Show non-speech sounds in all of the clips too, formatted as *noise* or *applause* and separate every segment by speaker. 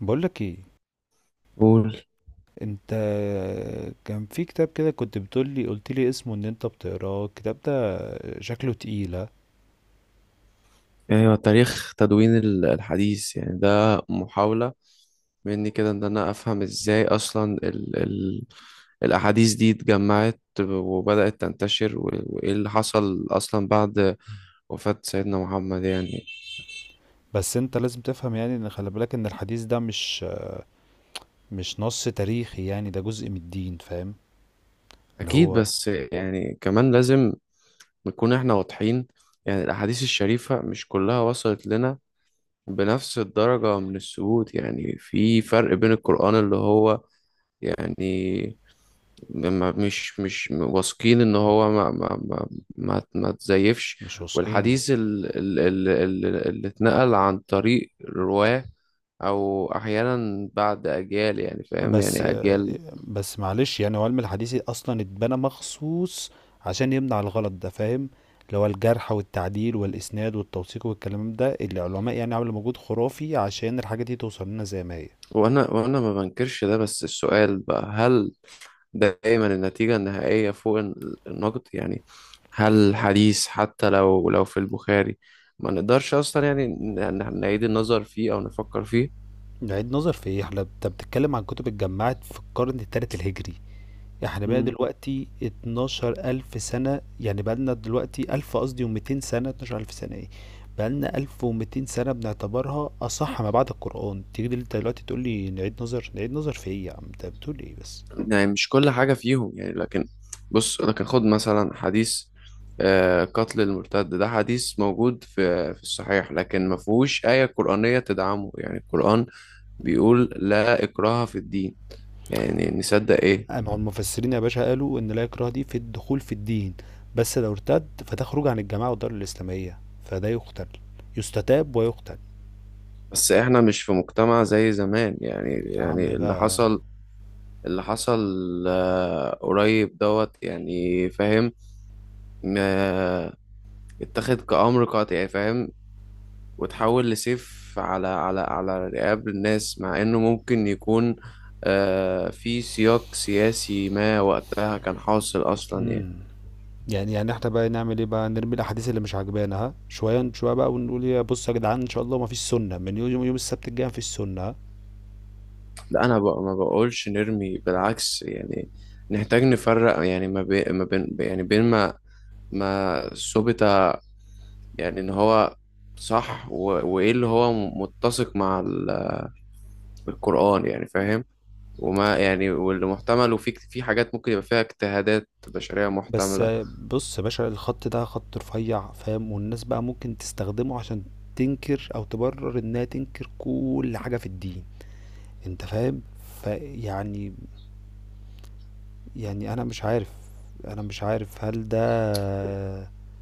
Speaker 1: بقولك ايه
Speaker 2: قول،
Speaker 1: انت. كان في كتاب كده كنت بتقولي قلتلي اسمه ان انت بتقراه. الكتاب ده شكله تقيلة.
Speaker 2: ايوه، تاريخ تدوين الحديث يعني ده محاولة مني كده ان انا افهم ازاي اصلا ال الاحاديث دي اتجمعت وبدأت تنتشر، وايه اللي حصل اصلا بعد وفاة سيدنا محمد يعني.
Speaker 1: بس انت لازم تفهم يعني ان خلي بالك ان الحديث ده مش نص تاريخي، يعني ده جزء من الدين، فاهم؟ اللي
Speaker 2: اكيد،
Speaker 1: هو
Speaker 2: بس يعني كمان لازم نكون احنا واضحين. يعني الاحاديث الشريفة مش كلها وصلت لنا بنفس الدرجة من الثبوت، يعني في فرق بين القرآن اللي هو يعني مش واثقين ان هو ما تزيفش،
Speaker 1: مش واثقين.
Speaker 2: والحديث اللي اتنقل عن طريق رواه او احيانا بعد اجيال يعني فاهم،
Speaker 1: بس
Speaker 2: يعني اجيال.
Speaker 1: بس معلش، يعني هو علم الحديث اصلا اتبنى مخصوص عشان يمنع الغلط ده، فاهم؟ اللي هو الجرح والتعديل والاسناد والتوثيق والكلام ده، اللي العلماء يعني عملوا مجهود خرافي عشان الحاجة دي توصل لنا زي ما هي.
Speaker 2: وانا ما بنكرش ده، بس السؤال بقى: هل دايما النتيجة النهائية فوق النقد؟ يعني هل الحديث حتى لو في البخاري ما نقدرش اصلا يعني نعيد النظر فيه او نفكر فيه؟
Speaker 1: نعيد نظر في ايه احنا؟ انت بتتكلم عن كتب اتجمعت في القرن الثالث الهجري. احنا بقى
Speaker 2: مم.
Speaker 1: دلوقتي 12000 سنة، يعني بقى لنا دلوقتي 1000 قصدي و200 سنة، 12000 سنة ايه؟ بقى لنا 1200 سنة بنعتبرها أصح ما بعد القرآن، تيجي انت دلوقتي تقول لي نعيد نظر، نعيد نظر في ايه يا عم؟ انت بتقول ايه بس؟
Speaker 2: يعني مش كل حاجة فيهم يعني، لكن بص، لكن خد مثلا حديث قتل المرتد. ده حديث موجود في الصحيح، لكن ما فيهوش آية قرآنية تدعمه، يعني القرآن بيقول: لا إكراه في الدين. يعني نصدق إيه؟
Speaker 1: مع المفسرين يا باشا، قالوا ان لا اكراه دي في الدخول في الدين، بس لو ارتد فتخرج عن الجماعة والدار الإسلامية فده يقتل، يستتاب ويقتل.
Speaker 2: بس إحنا مش في مجتمع زي زمان يعني.
Speaker 1: يا عم
Speaker 2: يعني اللي
Speaker 1: بقى.
Speaker 2: حصل، اللي حصل، قريب دوت يعني فاهم. آه، اتخذ كأمر قاطع يعني فاهم، وتحول لسيف على على رقاب الناس، مع انه ممكن يكون في سياق سياسي ما وقتها كان حاصل اصلا يعني.
Speaker 1: مم. يعني احنا بقى نعمل ايه؟ بقى نرمي الاحاديث اللي مش عاجبانا ها شويه شويه بقى، ونقول يا بص يا جدعان ان شاء الله ما فيش سنه، من يوم السبت الجاي ما فيش سنه، ها؟
Speaker 2: لا انا بق ما بقولش نرمي، بالعكس يعني. نحتاج نفرق يعني ما بين ما بين، يعني بين ما ما ثبت يعني ان هو صح، وايه اللي هو متسق مع القرآن يعني فاهم، وما يعني واللي محتمل، وفي حاجات ممكن يبقى فيها اجتهادات بشرية
Speaker 1: بس
Speaker 2: محتملة.
Speaker 1: بص يا باشا، الخط ده خط رفيع، فاهم؟ والناس بقى ممكن تستخدمه عشان تنكر او تبرر انها تنكر كل حاجه في الدين، انت فاهم؟ فيعني يعني يعني انا مش عارف، انا مش عارف هل ده.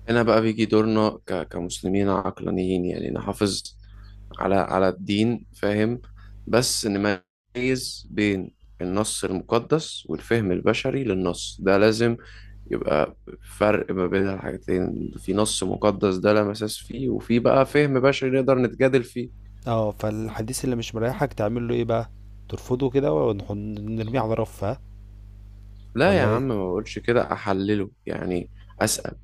Speaker 2: هنا بقى بيجي دورنا كمسلمين عقلانيين يعني نحافظ على الدين فاهم، بس نميز بين النص المقدس والفهم البشري للنص. ده لازم يبقى فرق ما بين الحاجتين: في نص مقدس ده لا مساس فيه، وفي بقى فهم بشري نقدر نتجادل فيه.
Speaker 1: اه، فالحديث اللي مش مريحك تعمل له ايه بقى؟ ترفضه كده ونرميه على رفه
Speaker 2: لا يا
Speaker 1: ولا
Speaker 2: عم،
Speaker 1: ايه؟
Speaker 2: ما بقولش كده، أحلله يعني، أسأل: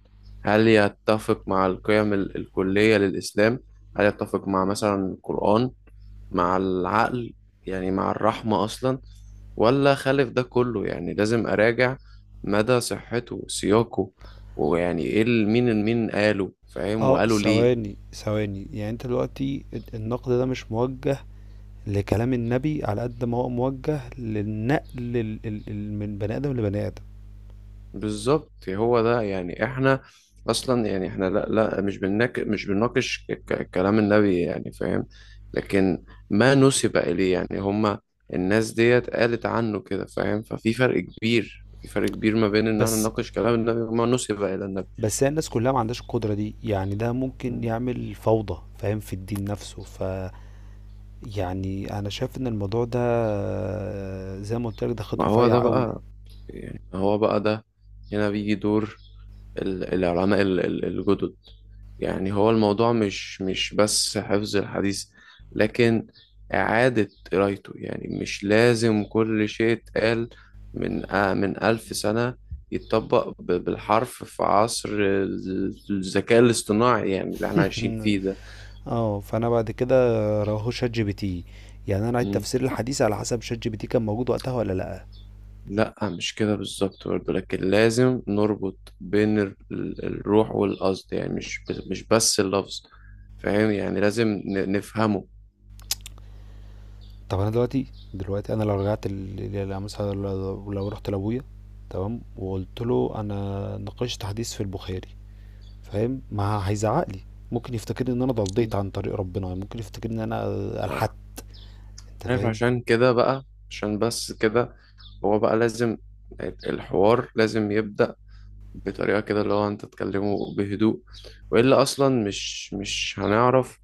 Speaker 2: هل يتفق مع القيم الكلية للإسلام؟ هل يتفق مع مثلا القرآن، مع العقل، يعني مع الرحمة أصلا، ولا خالف ده كله؟ يعني لازم أراجع مدى صحته، سياقه، ويعني إيه مين قاله فاهم،
Speaker 1: آه،
Speaker 2: وقاله ليه.
Speaker 1: ثواني، ثواني، يعني أنت دلوقتي النقد ده مش موجّه لكلام النبي على قد ما هو موجّه للنقل ال ال ال من بني آدم لبني آدم.
Speaker 2: بالظبط، هو ده يعني. إحنا أصلا يعني إحنا لا مش بنناقش كلام النبي يعني فاهم، لكن ما نسب إليه يعني. هما الناس ديت قالت عنه كده فاهم. ففي فرق كبير، ما بين إن إحنا
Speaker 1: بس
Speaker 2: نناقش كلام النبي وما نسب إلى النبي.
Speaker 1: بس هي الناس كلّها ما عندهاش القدرة دي، يعني ده ممكن يعمل فوضى، فاهم، في الدين نفسه، فيعني أنا شايف إن الموضوع ده زي ما قُلت لك ده خيط
Speaker 2: ما هو ده
Speaker 1: رفيّع أوي.
Speaker 2: بقى، يعني ما هو بقى ده. هنا بيجي دور العلماء الجدد. يعني هو الموضوع مش بس حفظ الحديث، لكن إعادة قرايته. يعني مش لازم كل شيء اتقال من من ألف سنة يتطبق بالحرف في عصر الذكاء الاصطناعي يعني اللي احنا عايشين
Speaker 1: *laughs*
Speaker 2: فيه.
Speaker 1: آه، فأنا بعد كده رماهُ ChatGPT، يعني أنا عيد
Speaker 2: ده
Speaker 1: تفسير الحديث على حسب ChatGPT كان موجود وقتها والّا لأ.
Speaker 2: لا، مش كده بالظبط برضه، لكن لازم نربط بين الروح والقصد، يعني مش بس اللفظ فاهم. يعني لازم نفهمه.
Speaker 1: طب انا دلوقتي، دلوقتي انا لو رجعت مثلا لو لو رحت لابويا، تمام، وقلت له انا ناقشت حديث في البخاري، فاهم، ما هيزعق لي؟ ممكن يفتكرني ان انا ضليت
Speaker 2: مم.
Speaker 1: عن طريق ربنا، ممكن يفتكرني ان انا الحدت،
Speaker 2: آه،
Speaker 1: انت
Speaker 2: عارف،
Speaker 1: فاهم؟
Speaker 2: عشان كده بقى، عشان بس كده، هو بقى لازم الحوار لازم يبدأ بطريقة كده اللي هو انت تكلمه بهدوء، وإلا أصلا مش هنعرف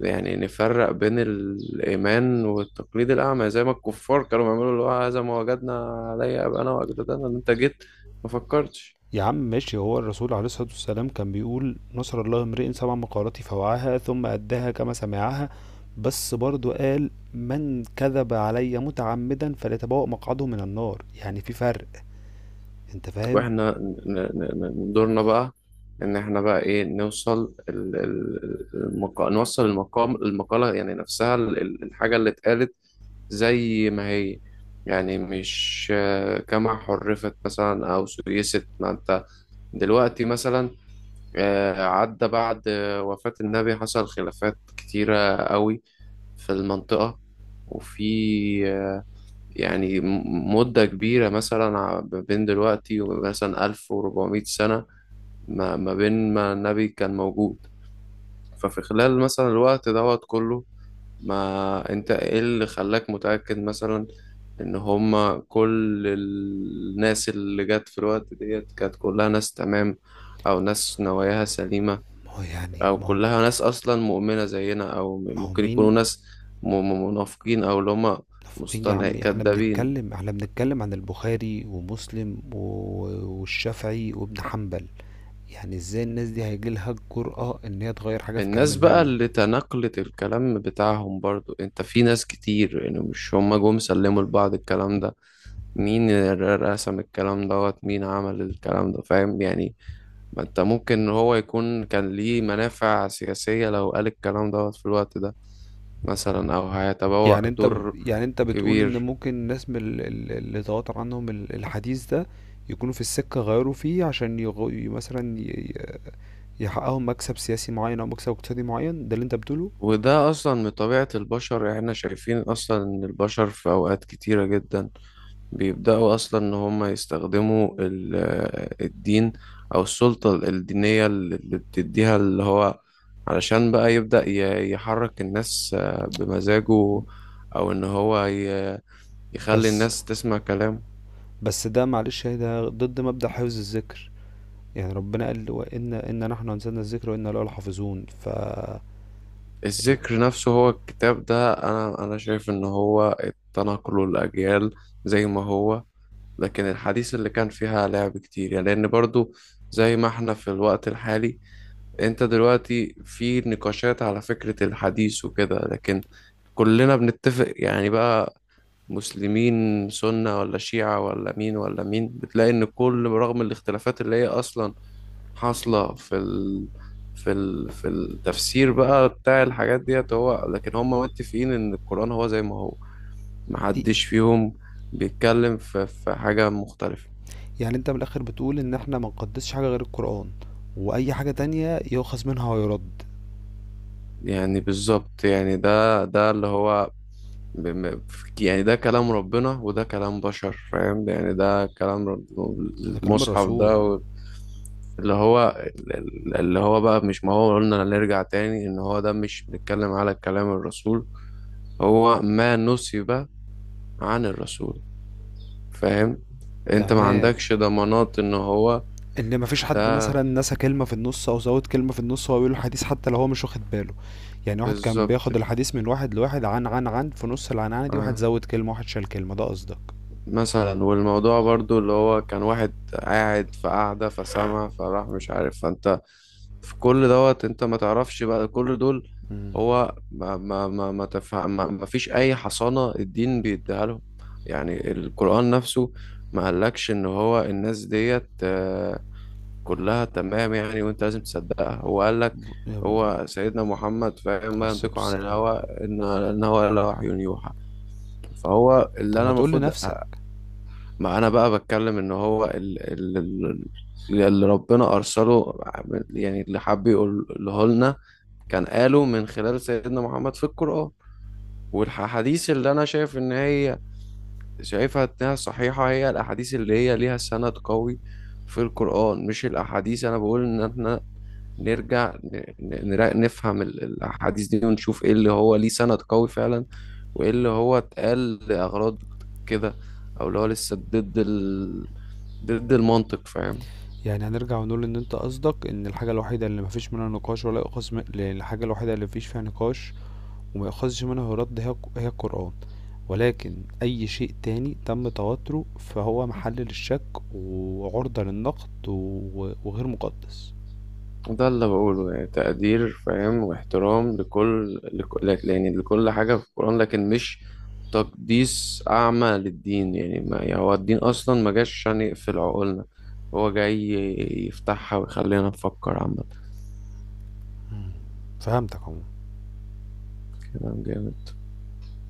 Speaker 2: يعني نفرق بين الإيمان والتقليد الأعمى، زي ما الكفار كانوا بيعملوا، اللي هو: هذا ما وجدنا عليه أباءنا وأجدادنا. إن أنت جيت ما فكرتش.
Speaker 1: يا عم ماشي، هو الرسول عليه الصلاة والسلام كان بيقول نصر الله امرئ سمع مقالتي فوعاها ثم أداها كما سمعها، بس برضو قال من كذب علي متعمدا فليتبوأ مقعده من النار، يعني في فرق، انت فاهم؟
Speaker 2: وإحنا دورنا بقى، إن إحنا بقى إيه، نوصل المقا... نوصل المقام، المقالة يعني نفسها، الحاجة اللي اتقالت زي ما هي، يعني مش كما حرفت مثلا أو سيست. ما أنت دلوقتي مثلا، عدى بعد وفاة النبي حصل خلافات كتيرة قوي في المنطقة، وفي آه، يعني مدة كبيرة مثلا ما بين دلوقتي ومثلا 1400 سنة ما ما بين ما النبي كان موجود. ففي خلال مثلا الوقت دوت كله، ما انت ايه اللي خلاك متأكد مثلا ان هما كل الناس اللي جت في الوقت ديت كانت كلها ناس تمام، او ناس نواياها سليمة،
Speaker 1: ما هو يعني
Speaker 2: او
Speaker 1: ما هو
Speaker 2: كلها ناس اصلا مؤمنه زينا، او
Speaker 1: ما هو
Speaker 2: ممكن يكونوا
Speaker 1: مين؟
Speaker 2: ناس منافقين، او اللي هم
Speaker 1: منافقين يا
Speaker 2: مصطنع
Speaker 1: عم، احنا
Speaker 2: كدابين.
Speaker 1: بنتكلم، احنا بنتكلم عن البخاري ومسلم و- والشافعي وابن حنبل، يعني ازاي الناس دي هيجي لها الجرأة ان هي تغير حاجة في كلام
Speaker 2: الناس بقى
Speaker 1: النبي؟
Speaker 2: اللي تناقلت الكلام بتاعهم برضو، انت في ناس كتير يعني مش هم جم سلموا لبعض الكلام ده. مين رسم الكلام دوت؟ مين عمل الكلام ده فاهم؟ يعني ما انت ممكن هو يكون كان ليه منافع سياسية لو قال الكلام دوت في الوقت ده، مثلا، او
Speaker 1: يعني
Speaker 2: هيتبوأ
Speaker 1: انت ب-
Speaker 2: دور
Speaker 1: يعني انت بتقول ان
Speaker 2: كبير.
Speaker 1: ممكن الناس من اللي تواتر عنهم الحديث ده يكونوا في السكة غيروا فيه عشان يغ... مثلا يحققوا مكسب سياسي معين او مكسب اقتصادي معين، ده اللي انت بتقوله؟
Speaker 2: وده أصلا من طبيعة البشر يعني. احنا شايفين أصلا إن البشر في أوقات كتيرة جدا بيبدأوا أصلا إن هما يستخدموا الدين أو السلطة الدينية اللي بتديها اللي هو، علشان بقى يبدأ يحرك الناس بمزاجه، أو إن هو يخلي
Speaker 1: بس
Speaker 2: الناس تسمع كلامه.
Speaker 1: بس ده معلش، ده ضد مبدأ حفظ الذكر، يعني ربنا قال وإن إن نحن أنزلنا الذكر وإنا له لحافظون، ف-
Speaker 2: الذكر نفسه هو الكتاب ده. أنا شايف إن هو التنقل الأجيال زي ما هو، لكن الحديث اللي كان فيها لعب كتير يعني، لأن برضو زي ما احنا في الوقت الحالي انت دلوقتي في نقاشات على فكرة الحديث وكده. لكن كلنا بنتفق يعني بقى، مسلمين سنة ولا شيعة ولا مين ولا مين، بتلاقي ان كل، رغم الاختلافات اللي هي اصلا حاصلة في التفسير بقى بتاع الحاجات ديت، هو، لكن هم متفقين ان القرآن هو زي ما هو.
Speaker 1: إيه،
Speaker 2: محدش فيهم بيتكلم في حاجة مختلفة.
Speaker 1: يعني انت من الآخر بتقول إن احنا ما نقدسش حاجة غير القرآن، وأي حاجة تانية يؤخذ منها ويرد؟
Speaker 2: يعني بالظبط، يعني ده اللي هو ب- م- يعني ده كلام ربنا وده كلام بشر فاهم. يعني ده
Speaker 1: هذا كلام
Speaker 2: المصحف
Speaker 1: الرسول.
Speaker 2: ده اللي هو اللي هو بقى مش، ما هو قلنا نرجع تاني ان هو ده مش بنتكلم على كلام الرسول، هو ما نسب عن الرسول فاهم. انت ما
Speaker 1: تمام،
Speaker 2: عندكش ضمانات ان هو
Speaker 1: ان مفيش حد
Speaker 2: ده
Speaker 1: مثلا نسى كلمه في النص او زود كلمه في النص وهو بيقول الحديث حتى لو هو مش واخد باله؟ يعني واحد كان
Speaker 2: بالظبط.
Speaker 1: بياخد الحديث من واحد لواحد عن في نص العنعنه دي واحد
Speaker 2: آه.
Speaker 1: زود كلمه واحد شال كلمه، ده قصدك؟
Speaker 2: مثلا، والموضوع برضو اللي هو كان واحد قاعد في قعدة فسمع فراح مش عارف، فانت في كل دوت انت ما تعرفش بقى كل دول.
Speaker 1: امم.
Speaker 2: هو ما ما ما ما تفهم ما فيش اي حصانة الدين بيديها لهم. يعني القرآن نفسه ما قالكش ان هو الناس ديت كلها تمام يعني وانت لازم تصدقها. هو قالك هو سيدنا محمد فاهم:
Speaker 1: عليه
Speaker 2: ما
Speaker 1: الصلاه
Speaker 2: ينطق عن الهوى،
Speaker 1: والسلام.
Speaker 2: ان هو الا وحي يوحى. فهو اللي
Speaker 1: طب
Speaker 2: انا
Speaker 1: ما تقول
Speaker 2: المفروض.
Speaker 1: لنفسك.
Speaker 2: ما انا بقى بتكلم ان هو اللي ربنا ارسله، يعني اللي حب يقوله لنا كان قاله من خلال سيدنا محمد في القرآن. والحديث اللي انا شايف ان هي شايفها انها صحيحة، هي الاحاديث اللي هي ليها سند قوي في القرآن، مش الاحاديث. انا بقول ان احنا نرجع نفهم الاحاديث دي ونشوف ايه اللي هو ليه سند قوي فعلا، وايه اللي هو اتقال لاغراض كده، او اللي هو لسه ضد المنطق فاهم.
Speaker 1: يعني هنرجع ونقول ان انت قصدك ان الحاجة الوحيدة اللي مفيش منها نقاش ولا يؤخذ من... الحاجة الوحيدة اللي مفيش فيها نقاش وما يؤخذش منها رد هي هي القرآن، ولكن اي شيء تاني تم تواتره فهو محل للشك وعرضة للنقد و... وغير مقدس.
Speaker 2: ده اللي بقوله يعني: تقدير فاهم واحترام لكل يعني لكل حاجة في القرآن، لكن مش تقديس أعمى للدين. يعني ما يعني هو الدين أصلا ما جاش عشان يقفل عقولنا، هو جاي يفتحها ويخلينا نفكر عامة.
Speaker 1: فهمتك عموما.
Speaker 2: كلام جامد.